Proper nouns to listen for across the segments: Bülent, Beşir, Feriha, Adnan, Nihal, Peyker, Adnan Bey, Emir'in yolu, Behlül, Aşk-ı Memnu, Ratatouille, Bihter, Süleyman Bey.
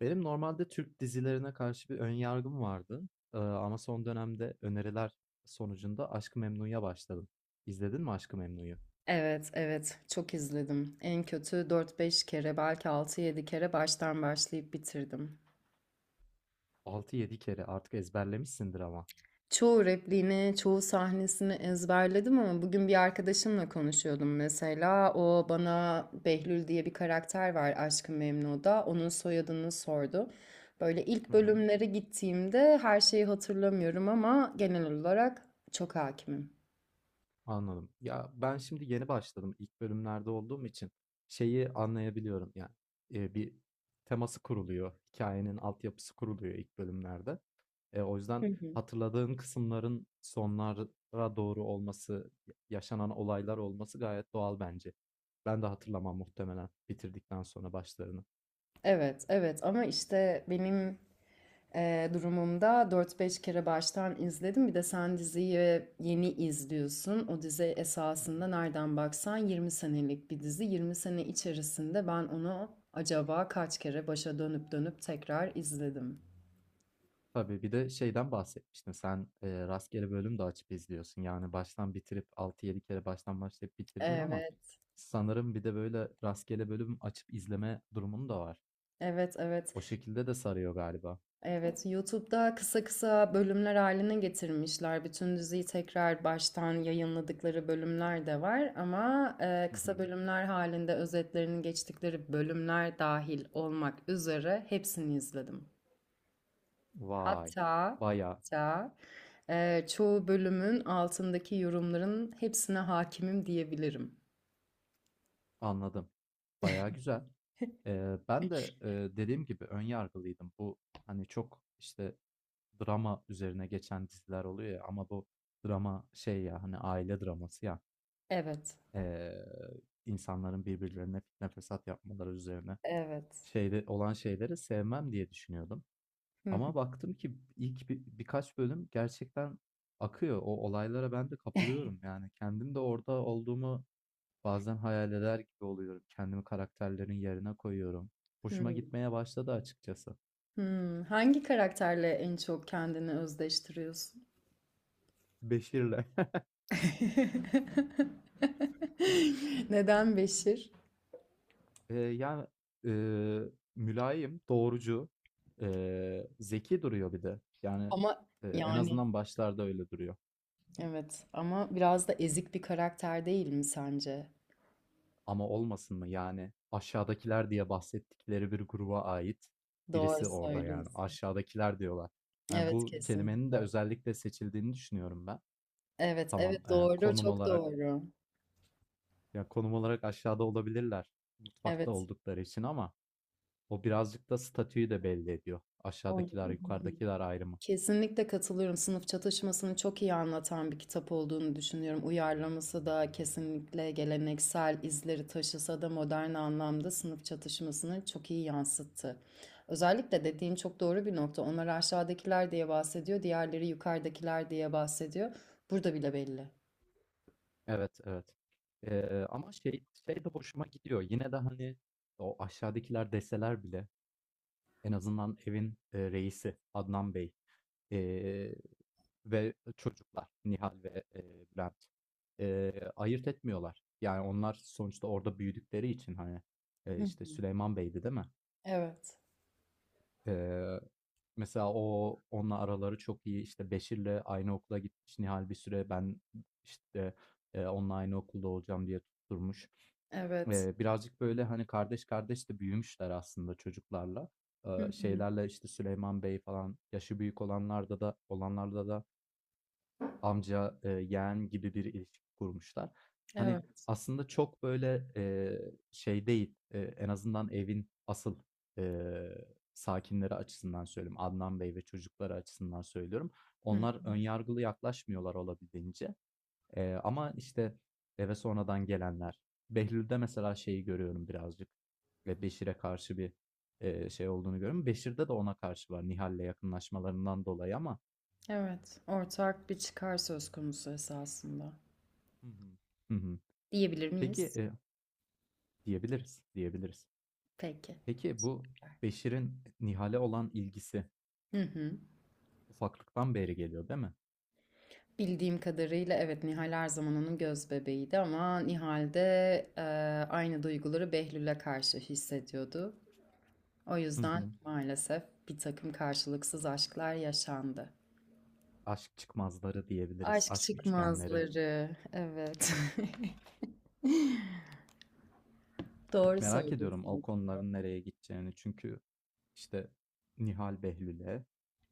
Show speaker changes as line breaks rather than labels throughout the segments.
Benim normalde Türk dizilerine karşı bir ön yargım vardı. Ama son dönemde öneriler sonucunda Aşk-ı Memnu'ya başladım. İzledin mi Aşk-ı Memnu'yu?
Evet, evet. Çok izledim. En kötü dört beş kere, belki altı yedi kere baştan başlayıp bitirdim.
6-7 kere artık ezberlemişsindir ama.
Çoğu repliğini, çoğu sahnesini ezberledim ama bugün bir arkadaşımla konuşuyordum mesela. O bana Behlül diye bir karakter var Aşk-ı Memnu'da. Onun soyadını sordu. Böyle ilk
Hı hı.
bölümlere gittiğimde her şeyi hatırlamıyorum ama genel olarak çok hakimim.
Anladım. Ya ben şimdi yeni başladım. İlk bölümlerde olduğum için şeyi anlayabiliyorum. Yani bir teması kuruluyor. Hikayenin altyapısı kuruluyor ilk bölümlerde. O yüzden
Hı hı.
hatırladığın kısımların sonlara doğru olması, yaşanan olaylar olması gayet doğal bence. Ben de hatırlamam muhtemelen bitirdikten sonra başlarını.
Evet, evet ama işte benim durumumda dört beş kere baştan izledim. Bir de sen diziyi yeni izliyorsun. O dizi
Hı hı.
esasında nereden baksan 20 senelik bir dizi. Yirmi sene içerisinde ben onu acaba kaç kere başa dönüp dönüp tekrar izledim.
Tabii, bir de şeyden bahsetmiştin sen, rastgele bölüm de açıp izliyorsun. Yani baştan bitirip altı yedi kere baştan başlayıp bitirdin ama
Evet,
sanırım bir de böyle rastgele bölüm açıp izleme durumun da var.
evet, evet.
O şekilde de sarıyor galiba.
Evet, YouTube'da kısa kısa bölümler haline getirmişler. Bütün diziyi tekrar baştan yayınladıkları bölümler de var ama
Hı
kısa
hı.
bölümler halinde özetlerini geçtikleri bölümler dahil olmak üzere hepsini izledim.
Vay!
Hatta
Baya.
hatta çoğu bölümün altındaki yorumların hepsine hakimim diyebilirim.
Anladım. Bayağı güzel. Ben de dediğim gibi ön yargılıydım. Bu hani çok işte drama üzerine geçen diziler oluyor ya ama bu drama şey ya hani aile draması ya.
Evet,
Eee, insanların birbirlerine fitne fesat yapmaları üzerine
evet.
şeyde olan şeyleri sevmem diye düşünüyordum.
Hı hı.
Ama baktım ki ilk birkaç bölüm gerçekten akıyor. O olaylara ben de kapılıyorum yani kendim de orada olduğumu. Bazen hayal eder gibi oluyorum. Kendimi karakterlerin yerine koyuyorum. Hoşuma
Hmm.
gitmeye başladı açıkçası.
Hmm. Hangi karakterle en çok kendini özdeştiriyorsun?
Beşir'le.
Neden Beşir?
Yani eee, mülayim, doğrucu, zeki duruyor bir de. Yani
Ama
en
yani
azından başlarda öyle duruyor.
evet ama biraz da ezik bir karakter değil mi sence?
Ama olmasın mı yani aşağıdakiler diye bahsettikleri bir gruba ait
Doğru
birisi orada, yani
söylüyorsun.
aşağıdakiler diyorlar. Yani
Evet,
bu kelimenin de
kesinlikle.
özellikle seçildiğini düşünüyorum ben.
Evet,
Tamam,
evet, doğru,
konum
çok
olarak.
doğru.
Ya konum olarak aşağıda olabilirler. Mutfakta
Evet.
oldukları için ama o birazcık da statüyü de belli ediyor.
O-
Aşağıdakiler, yukarıdakiler ayrımı.
Kesinlikle katılıyorum. Sınıf çatışmasını çok iyi anlatan bir kitap olduğunu düşünüyorum. Uyarlaması da kesinlikle geleneksel izleri taşısa da modern anlamda sınıf çatışmasını çok iyi yansıttı. Özellikle dediğin çok doğru bir nokta. Onlar aşağıdakiler diye bahsediyor, diğerleri yukarıdakiler diye bahsediyor. Burada bile belli.
Evet, evet. Ama şey de hoşuma gidiyor. Yine de hani o aşağıdakiler deseler bile en azından evin reisi Adnan Bey ee, ve çocuklar Nihal ve Bülent ayırt etmiyorlar. Yani onlar sonuçta orada büyüdükleri için hani
Hı.
işte Süleyman Bey'di değil mi?
Evet.
Eee, Mesela o onunla araları çok iyi. İşte Beşir'le aynı okula gitmiş. Nihal bir süre ben işte, onunla aynı okulda olacağım diye tutturmuş.
Evet.
Birazcık böyle hani kardeş kardeş de büyümüşler aslında çocuklarla.
Hı hı.
Şeylerle işte Süleyman Bey falan yaşı büyük olanlarda da olanlarda da amca, yeğen gibi bir ilişki kurmuşlar. Hani,
Evet.
aslında çok böyle, şey değil, en azından evin asıl, eee, sakinleri açısından söylüyorum. Adnan Bey ve çocukları açısından söylüyorum.
Hı
Onlar
hı.
önyargılı yaklaşmıyorlar olabildiğince. Ama, işte, eve sonradan gelenler. Behlül'de mesela şeyi görüyorum birazcık, ve Beşir'e karşı bir, şey olduğunu görüyorum. Beşir'de de ona karşı var Nihal'le yakınlaşmalarından dolayı ama.
Evet. Ortak bir çıkar söz konusu esasında.
Hı hı. Hı hı.
Diyebilir
Peki,
miyiz?
diyebiliriz, diyebiliriz.
Peki.
Peki bu Beşir'in Nihal'e olan ilgisi
Hı hı.
ufaklıktan beri geliyor, değil mi?
Bildiğim kadarıyla evet, Nihal her zaman onun göz bebeğiydi ama Nihal de e, aynı duyguları Behlül'e karşı hissediyordu. O
Hı
yüzden
hı.
maalesef bir takım karşılıksız aşklar yaşandı.
Aşk çıkmazları diyebiliriz,
Aşk
aşk üçgenleri.
çıkmazları, evet. Doğru
Merak ediyorum o
söylüyorsun.
konuların nereye gideceğini. Çünkü işte Nihal Behlül'e,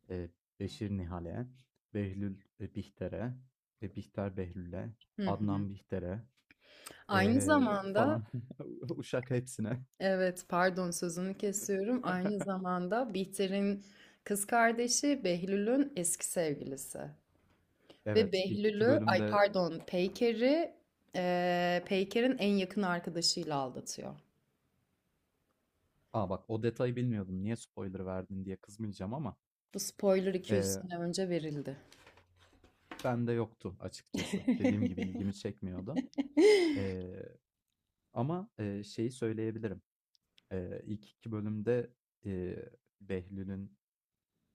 e, Beşir Nihal'e, Behlül Bihter'e, Bihter Behlül'e,
Hı hı.
Adnan Bihter'e,
Aynı zamanda,
falan. Uşak hepsine.
evet, pardon sözünü kesiyorum. Aynı zamanda Bihter'in kız kardeşi Behlül'ün eski sevgilisi. Ve
Evet, ilk iki
Behlül'ü, ay
bölümde.
pardon, Peyker'i, Peyker'in en yakın arkadaşıyla aldatıyor.
Aa, bak, o detayı bilmiyordum. Niye spoiler verdin diye kızmayacağım ama
Bu spoiler 200
eee
sene önce verildi.
bende yoktu açıkçası. Dediğim gibi ilgimi çekmiyordu. Eee, Ama şeyi söyleyebilirim. İlk iki bölümde eee Behlül'ün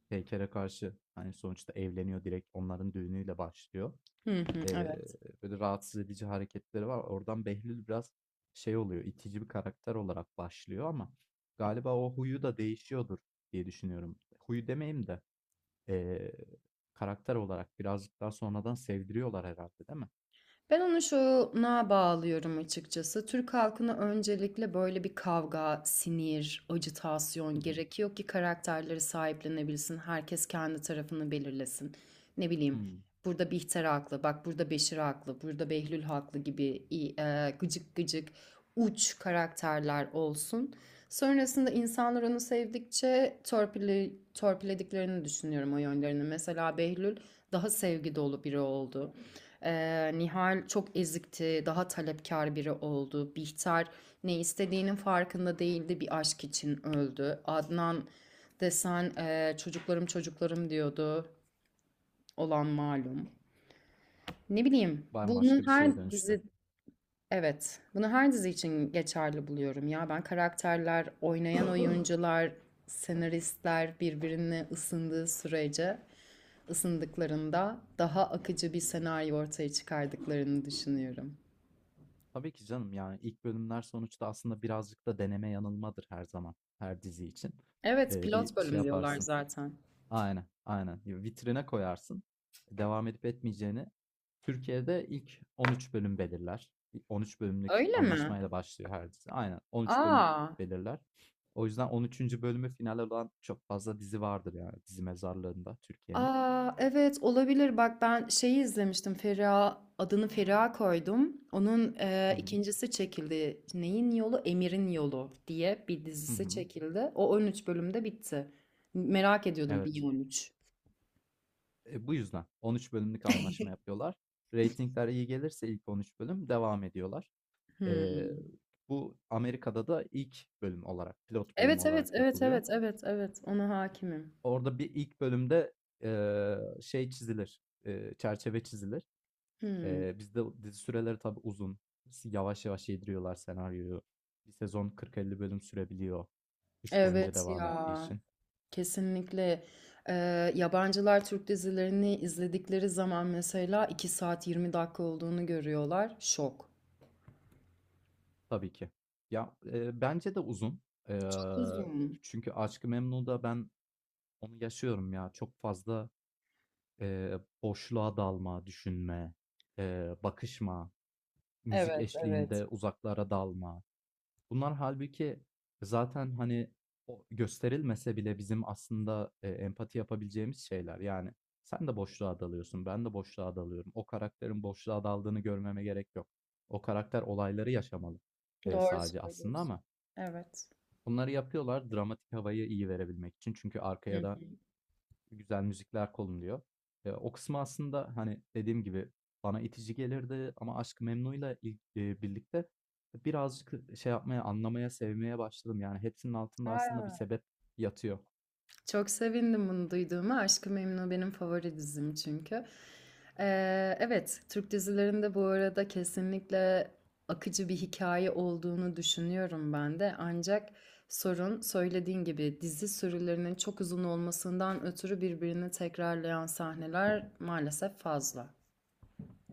Peyker'e karşı hani sonuçta evleniyor, direkt onların düğünüyle başlıyor.
Hı hı,
Eee,
evet.
Böyle rahatsız edici hareketleri var. Oradan Behlül biraz şey oluyor, itici bir karakter olarak başlıyor ama galiba o huyu da değişiyordur diye düşünüyorum. Huyu demeyeyim de eee, karakter olarak birazcık daha sonradan sevdiriyorlar herhalde değil mi?
Ben onu şuna bağlıyorum açıkçası. Türk halkına öncelikle böyle bir kavga, sinir, ajitasyon
Hı hı.
gerekiyor ki karakterleri sahiplenebilsin. Herkes kendi tarafını belirlesin. Ne bileyim,
Hımm.
burada Bihter haklı, bak burada Beşir haklı, burada Behlül haklı gibi gıcık gıcık uç karakterler olsun. Sonrasında insanlar onu sevdikçe torpili, torpilediklerini düşünüyorum o yönlerini. Mesela Behlül daha sevgi dolu biri oldu. Nihal çok ezikti, daha talepkar biri oldu. Bihter ne istediğinin farkında değildi, bir aşk için öldü. Adnan desen çocuklarım çocuklarım diyordu. Olan malum. Ne bileyim,
Bambaşka
bunun
bir
her
şeye dönüştü.
dizi Evet, bunu her dizi için geçerli buluyorum ya. Ben karakterler, oynayan oyuncular, senaristler birbirine ısındığı sürece, ısındıklarında daha akıcı bir senaryo ortaya çıkardıklarını düşünüyorum.
Tabii ki canım, yani, ilk bölümler sonuçta aslında birazcık da deneme yanılmadır her zaman, her dizi için.
Evet, pilot
Bir şey
bölüm diyorlar
yaparsın.
zaten.
Aynen, aynen. Ya vitrine koyarsın. Devam edip etmeyeceğini. Türkiye'de ilk 13 bölüm belirler. İlk 13 bölümlük
Öyle mi?
anlaşmayla başlıyor her dizi. Aynen 13 bölüm
Aa,
belirler. O yüzden 13. bölümü final olan çok fazla dizi vardır yani dizi mezarlığında Türkiye'nin.
aa evet olabilir. Bak ben şeyi izlemiştim. Feriha adını Feriha koydum. Onun
Hı hı,
ikincisi çekildi. Neyin yolu? Emir'in yolu diye bir
hı
dizisi
hı.
çekildi. O 13 bölümde bitti. Merak ediyordum niye
Evet.
13.
E, bu yüzden 13 bölümlük anlaşma yapıyorlar. Ratingler iyi gelirse ilk 13 bölüm devam ediyorlar. E,
Hmm.
bu Amerika'da da ilk bölüm olarak, pilot bölüm
Evet, evet,
olarak
evet,
yapılıyor.
evet, evet, evet, ona hakimim.
Orada bir ilk bölümde, şey çizilir, çerçeve çizilir.
Hmm.
Bizde dizi süreleri tabii uzun. Yavaş yavaş yediriyorlar senaryoyu. Bir sezon 40-50 bölüm sürebiliyor kış boyunca
Evet
devam ettiği
ya.
için.
Kesinlikle. Yabancılar Türk dizilerini izledikleri zaman mesela 2 saat 20 dakika olduğunu görüyorlar. Şok.
Tabii ki. Ya, bence de uzun.
Çok
Eee,
uzun.
Çünkü Aşk-ı Memnu'da ben onu yaşıyorum ya. Çok fazla, boşluğa dalma, düşünme, bakışma, müzik
Evet, evet.
eşliğinde uzaklara dalma. Bunlar halbuki zaten, hani, o gösterilmese bile bizim aslında, empati yapabileceğimiz şeyler. Yani sen de boşluğa dalıyorsun, ben de boşluğa dalıyorum. O karakterin boşluğa daldığını görmeme gerek yok. O karakter olayları yaşamalı,
Doğru
sadece aslında
söylüyorsun.
ama
Evet.
bunları yapıyorlar dramatik havayı iyi verebilmek için. Çünkü
Hı
arkaya
hı.
da güzel müzikler kolumluyor. E, o kısmı aslında hani dediğim gibi bana itici gelirdi ama Aşk-ı Memnu'yla birlikte birazcık şey yapmaya, anlamaya, sevmeye başladım. Yani hepsinin altında aslında bir sebep yatıyor.
Çok sevindim bunu duyduğuma. Aşk-ı Memnu benim favori dizim çünkü. Evet, Türk dizilerinde bu arada kesinlikle akıcı bir hikaye olduğunu düşünüyorum ben de. Ancak sorun söylediğin gibi dizi sürülerinin çok uzun olmasından ötürü birbirini tekrarlayan sahneler maalesef fazla.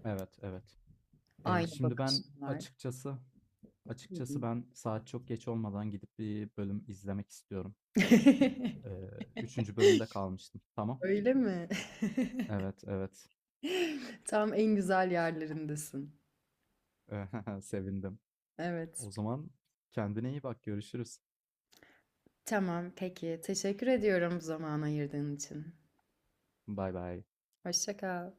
Evet, evet. E,
Aynı
şimdi ben
bakışlar. Hı hı.
açıkçası ben saat çok geç olmadan gidip bir bölüm izlemek istiyorum. E, üçüncü bölümde kalmıştım. Tamam.
Öyle mi?
Evet, evet.
Tam en güzel yerlerindesin.
Sevindim.
Evet.
O zaman kendine iyi bak. Görüşürüz.
Tamam, peki. Teşekkür ediyorum zaman ayırdığın için.
Bay bay.
Hoşça kal.